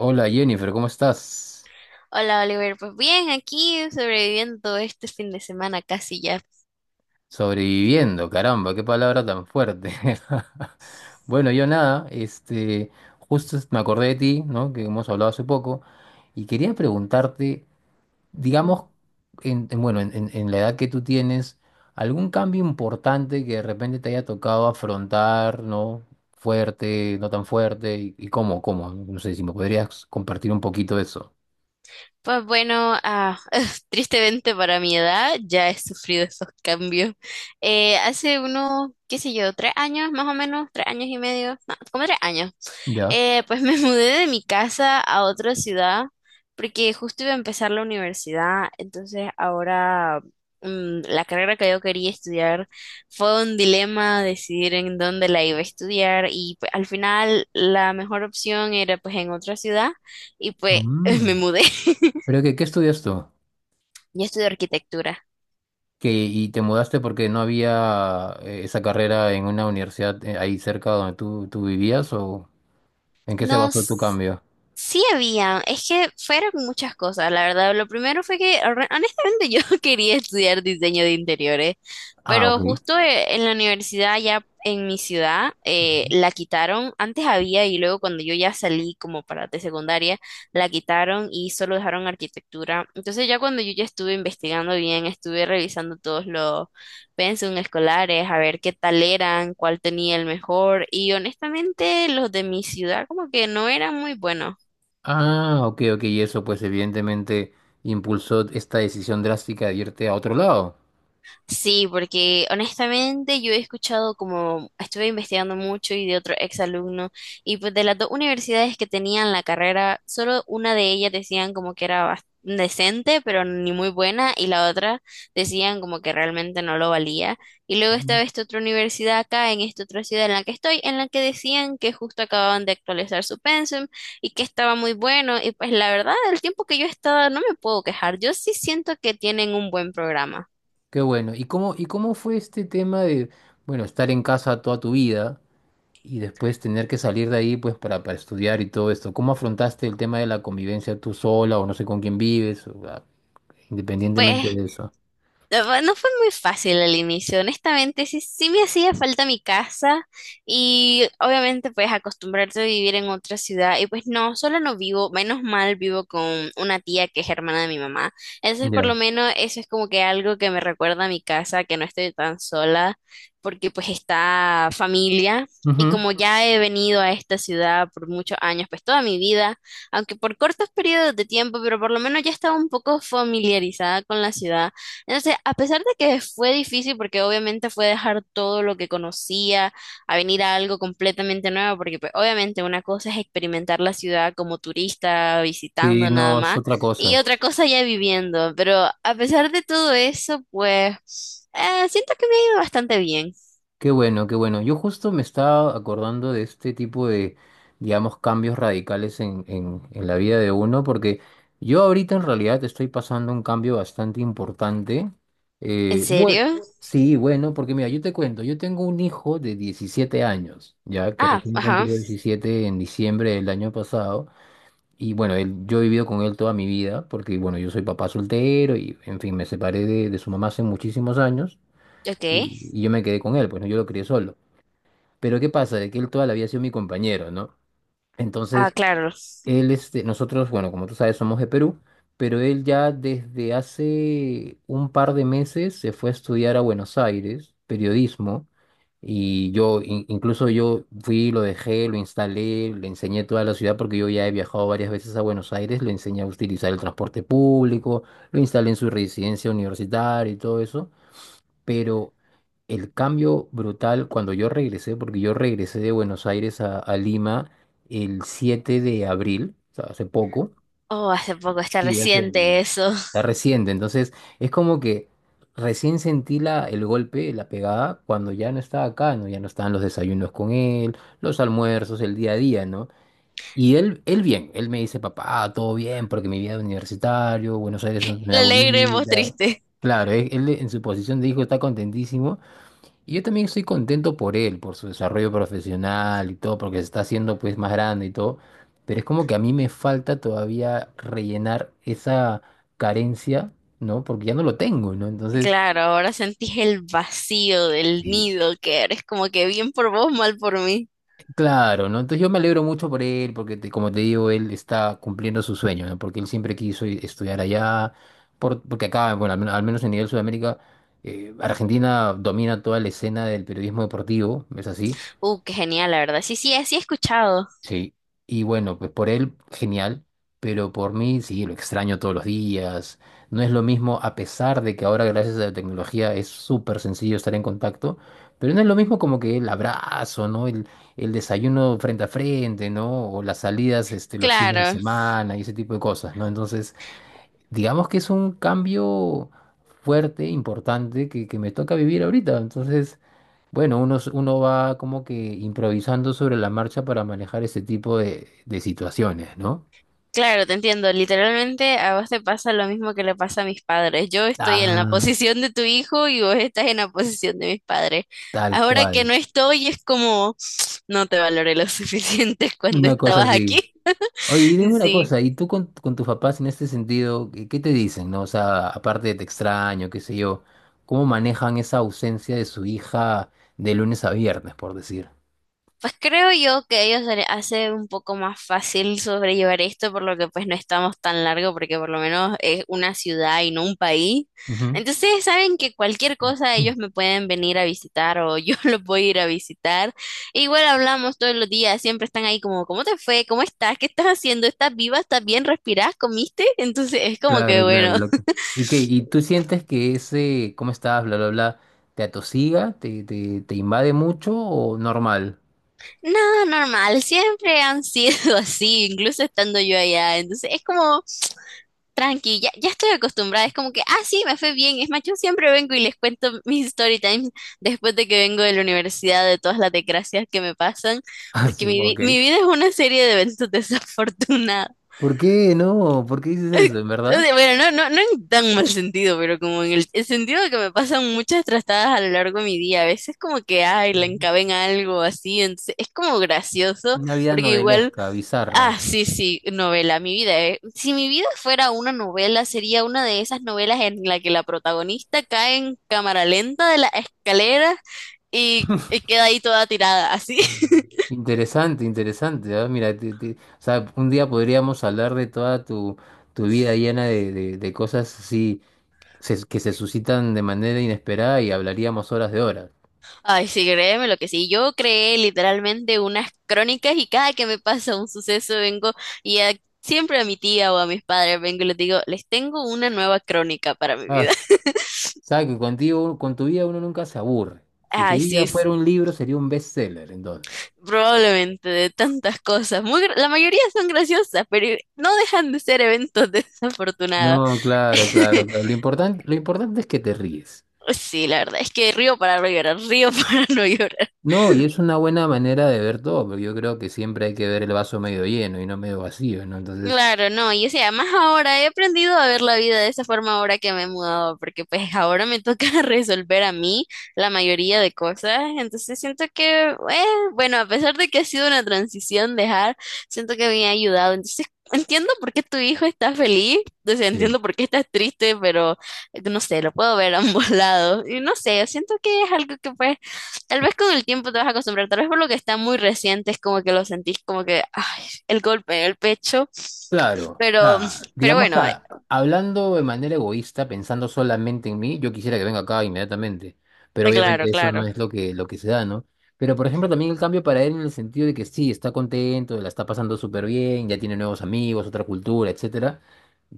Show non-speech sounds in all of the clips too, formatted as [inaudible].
Hola Jennifer, ¿cómo estás? Hola Oliver, pues bien, aquí sobreviviendo este fin de semana casi ya. Sobreviviendo, caramba, qué palabra tan fuerte. [laughs] Bueno, yo nada, justo me acordé de ti, ¿no? Que hemos hablado hace poco, y quería preguntarte, digamos, bueno, en la edad que tú tienes, ¿Algún cambio importante que de repente te haya tocado afrontar?, ¿no? Fuerte, no tan fuerte, y cómo, no sé si me podrías compartir un poquito de eso. Pues bueno, [laughs] tristemente para mi edad ya he sufrido esos cambios. Hace unos, qué sé yo, tres años más o menos, tres años y medio, no, como tres años. Ya. Pues [laughs] me mudé de mi casa a otra ciudad porque justo iba a empezar la universidad, entonces ahora la carrera que yo quería estudiar fue un dilema decidir en dónde la iba a estudiar y pues, al final la mejor opción era pues en otra ciudad y pues [laughs] me Mm. mudé. [laughs] ¿Pero qué estudias tú? Yo estudio arquitectura. Que y te mudaste porque no había esa carrera en una universidad ahí cerca donde tú vivías, o ¿en qué se No. basó tu cambio? Sí había, es que fueron muchas cosas, la verdad. Lo primero fue que honestamente yo [laughs] quería estudiar diseño de interiores, Ah, pero ok. justo en la universidad allá en mi ciudad la quitaron. Antes había y luego cuando yo ya salí como para de secundaria, la quitaron y solo dejaron arquitectura. Entonces ya cuando yo ya estuve investigando bien, estuve revisando todos los pensum escolares, a ver qué tal eran, cuál tenía el mejor y honestamente los de mi ciudad como que no eran muy buenos. Ah, ok, ok, y eso pues evidentemente impulsó esta decisión drástica de irte a otro lado. Sí, porque honestamente yo he escuchado como estuve investigando mucho y de otro ex alumno y pues de las dos universidades que tenían la carrera, solo una de ellas decían como que era decente, pero ni muy buena y la otra decían como que realmente no lo valía. Y luego Ujú. estaba esta otra universidad acá en esta otra ciudad en la que estoy, en la que decían que justo acababan de actualizar su pensum y que estaba muy bueno y pues la verdad, el tiempo que yo he estado no me puedo quejar. Yo sí siento que tienen un buen programa. Qué bueno. ¿Y cómo fue este tema de, bueno, estar en casa toda tu vida y después tener que salir de ahí pues para estudiar y todo esto? ¿Cómo afrontaste el tema de la convivencia tú sola, o no sé con quién vives, o, independientemente Pues de eso? no fue muy fácil al inicio, honestamente, sí, sí me hacía falta mi casa y obviamente pues acostumbrarte a vivir en otra ciudad y pues no, solo no vivo, menos mal vivo con una tía que es hermana de mi mamá, entonces por lo Ya. menos eso es como que algo que me recuerda a mi casa, que no estoy tan sola porque pues está familia y Ujú. como ya he venido a esta ciudad por muchos años, pues toda mi vida, aunque por cortos periodos de tiempo, pero por lo menos ya estaba un poco familiarizada con la ciudad. Entonces, a pesar de que fue difícil, porque obviamente fue dejar todo lo que conocía a venir a algo completamente nuevo, porque pues, obviamente una cosa es experimentar la ciudad como turista, Sí, visitando nada no, es más, otra y cosa. otra cosa ya viviendo. Pero a pesar de todo eso, pues siento que me ha ido bastante bien. Qué bueno, qué bueno. Yo justo me estaba acordando de este tipo de, digamos, cambios radicales en la vida de uno, porque yo ahorita en realidad estoy pasando un cambio bastante importante. ¿En Bueno, serio? sí, bueno, porque mira, yo te cuento, yo tengo un hijo de 17 años, ya que Ah, recién ajá, cumplió 17 en diciembre del año pasado. Y bueno, él, yo he vivido con él toda mi vida, porque bueno, yo soy papá soltero y en fin, me separé de su mamá hace muchísimos años. ok. Y yo me quedé con él, pues no, yo lo crié solo. Pero ¿qué pasa? De que él toda la vida ha sido mi compañero, ¿no? Ah, Entonces, claro. Nosotros, bueno, como tú sabes, somos de Perú, pero él ya desde hace un par de meses se fue a estudiar a Buenos Aires, periodismo, y incluso yo fui, lo dejé, lo instalé, le enseñé toda la ciudad, porque yo ya he viajado varias veces a Buenos Aires, le enseñé a utilizar el transporte público, lo instalé en su residencia universitaria y todo eso. Pero el cambio brutal cuando yo regresé, porque yo regresé de Buenos Aires a Lima el 7 de abril, o sea, hace poco, Oh, hace poco, está y reciente eso. está [laughs] reciente, entonces es como que recién sentí el golpe, la pegada, cuando ya no estaba acá, ¿no? Ya no estaban los desayunos con él, los almuerzos, el día a día, ¿no? Y él bien, él me dice, papá, todo bien, porque mi vida es universitario, Buenos Aires es una El ciudad alegre, vos bonita. triste. Claro, él en su posición de hijo está contentísimo. Y yo también estoy contento por él, por su desarrollo profesional y todo, porque se está haciendo pues más grande y todo. Pero es como que a mí me falta todavía rellenar esa carencia, ¿no? Porque ya no lo tengo, ¿no? Entonces, Claro, ahora sentís el vacío del sí, nido, que eres como que bien por vos, mal por mí. claro, ¿no? Entonces yo me alegro mucho por él, porque como te digo, él está cumpliendo su sueño, ¿no? Porque él siempre quiso estudiar allá, porque acá, bueno, al menos en nivel Sudamérica, Argentina domina toda la escena del periodismo deportivo, ¿es así? Qué genial, la verdad. Sí, sí, así he escuchado. Sí, y bueno, pues por él, genial, pero por mí, sí, lo extraño todos los días. No es lo mismo, a pesar de que ahora, gracias a la tecnología, es súper sencillo estar en contacto, pero no es lo mismo como que el abrazo, ¿no? El desayuno frente a frente, ¿no? O las salidas, los fines de Claro, semana y ese tipo de cosas, ¿no? Entonces, digamos que es un cambio fuerte, importante, que me toca vivir ahorita. Entonces, bueno, uno va como que improvisando sobre la marcha para manejar ese tipo de situaciones, ¿no? claro, te entiendo. Literalmente a vos te pasa lo mismo que le pasa a mis padres. Yo estoy en la Ah, posición de tu hijo y vos estás en la posición de mis padres. tal Ahora que no cual. estoy, es como no te valoré lo suficiente [laughs] cuando Una cosa estabas así. aquí. Oye, y dime [laughs] una Sí. cosa, ¿y tú con tus papás en este sentido, qué te dicen, ¿no? O sea, aparte de te extraño, qué sé yo, ¿cómo manejan esa ausencia de su hija de lunes a viernes, por decir? Pues creo yo que a ellos se les hace un poco más fácil sobrellevar esto, por lo que pues no estamos tan largo, porque por lo menos es una ciudad y no un país. Ujú. Entonces saben que cualquier cosa ellos me pueden venir a visitar o yo [laughs] los voy a ir a visitar. E igual hablamos todos los días, siempre están ahí como, ¿cómo te fue? ¿Cómo estás? ¿Qué estás haciendo? ¿Estás viva? ¿Estás bien? ¿Respirás? ¿Comiste? [laughs] Entonces es como Claro, que claro, bueno. [laughs] loco. ¿Y qué? ¿Y tú sientes que ese, cómo estás, bla, bla, bla, te atosiga, te invade mucho o normal? [laughs] No, normal, siempre han sido [laughs] así, incluso estando yo allá. Entonces es como… Tranqui, ya, ya estoy acostumbrada, es como que, ah, sí, me fue bien. Es más, yo siempre vengo y les cuento mis story times después de que vengo de la universidad, de todas las desgracias que me pasan, Ah, porque sí, ok. mi vida es una serie de eventos desafortunados. ¿Por qué no? ¿Por qué dices eso, en [laughs] O verdad? sea, bueno, no, no, no en tan mal sentido, pero como en el sentido de que me pasan muchas trastadas a lo largo de mi día. A veces como que, ay, la encaben algo así, entonces es como gracioso, Una vida porque igual. novelesca, bizarra. Ah, sí, sí, novela, mi vida. Si mi vida fuera una novela, sería una de esas novelas en la que la protagonista cae en cámara lenta de la escalera y queda ahí toda tirada, así. [laughs] Interesante, interesante. Mira, o sea, un día podríamos hablar de toda tu vida llena de cosas así que se suscitan de manera inesperada, y hablaríamos horas de horas. Ay, sí, créeme lo que sí. Yo creé literalmente unas crónicas y cada que me pasa un suceso vengo y a- siempre a mi tía o a mis padres vengo y les digo, les tengo una nueva crónica para mi Ah, vida. [laughs] sabes que contigo, con tu vida uno nunca se aburre. Si tu Ay, vida sí, fuera un libro, sería un bestseller, entonces. probablemente de tantas cosas. Muy, la mayoría son graciosas, pero no dejan de ser eventos desafortunados. No, claro, claro, claro. [laughs] Lo importante es que te ríes. Sí, la verdad es que río para no llorar, río [laughs] para no llorar. No, y es una buena manera de ver todo, porque yo creo que siempre hay que ver el vaso medio lleno y no medio vacío, ¿no? Entonces, Claro, no, y o sea, más ahora he aprendido a ver la vida de esa forma ahora que me he mudado, porque pues ahora me toca [laughs] resolver a mí la mayoría de cosas, entonces siento que, bueno, a pesar de que ha sido una transición dejar, siento que me ha ayudado, entonces entiendo por qué tu hijo está feliz, o sea, sí. entiendo por qué estás triste, pero no sé, lo puedo ver a ambos [laughs] lados, y no sé, siento que es algo que pues, tal vez con el tiempo te vas a acostumbrar, tal vez por lo que está muy reciente es como que lo sentís como que, ay, el golpe en el pecho. Claro, Pero, nada, pero digamos que bueno, hablando de manera egoísta, pensando solamente en mí, yo quisiera que venga acá inmediatamente, pero claro, obviamente eso claro, no es lo que, se da, ¿no? Pero por ejemplo también el cambio para él en el sentido de que sí, está contento, la está pasando súper bien, ya tiene nuevos amigos, otra cultura, etcétera.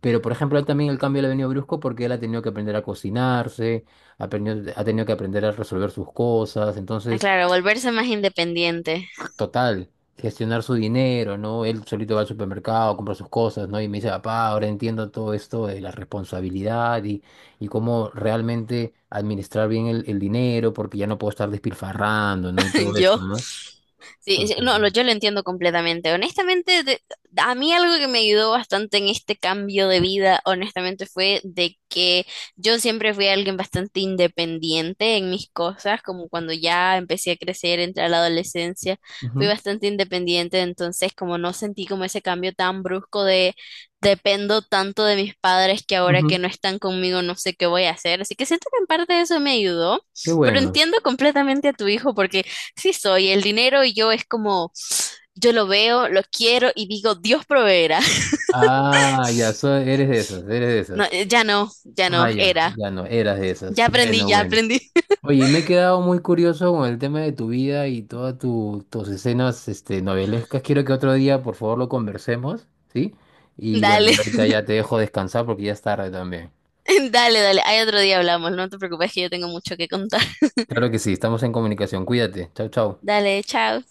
Pero, por ejemplo, a él también el cambio le ha venido brusco porque él ha tenido que aprender a cocinarse, ha tenido que aprender a resolver sus cosas. Entonces, claro, volverse más independiente. total, gestionar su dinero, ¿no? Él solito va al supermercado, compra sus cosas, ¿no? Y me dice, papá, ahora entiendo todo esto de la responsabilidad y cómo realmente administrar bien el dinero, porque ya no puedo estar despilfarrando, ¿no? Y todo [laughs] esto, Yo. ¿no? Sí, sí, Entonces, no, bueno. yo lo entiendo completamente. Honestamente, a mí algo que me ayudó bastante en este cambio de vida, honestamente, fue de que yo siempre fui alguien bastante independiente en mis cosas, como cuando ya empecé a crecer, entré a la adolescencia, fui Ujú, bastante independiente, entonces como no sentí como ese cambio tan brusco de dependo tanto de mis padres que ahora que ujú. no están conmigo no sé qué voy a hacer. Así que siento que en parte eso me ayudó, Qué pero bueno. entiendo completamente a tu hijo porque sí soy. El dinero y yo es como, yo lo veo, lo quiero y digo, Dios proveerá. [laughs] Ah, ya, eres de esas, eres de No, esas. Ya no, Ah, ya, era. ya no, eras de esas. Ya aprendí, Bueno, ya bueno. aprendí. Oye, y me he quedado muy curioso con el tema de tu vida y todas tus escenas novelescas. Quiero que otro día, por favor, lo conversemos, ¿sí? [laughs] Y bueno, Dale, yo ahorita ya te [laughs] dejo descansar porque ya es tarde también. dale, dale. Hay otro día hablamos, no te preocupes que yo tengo mucho que contar. [laughs] Claro que sí, estamos en comunicación. Cuídate. Chau, chau. Dale, chao.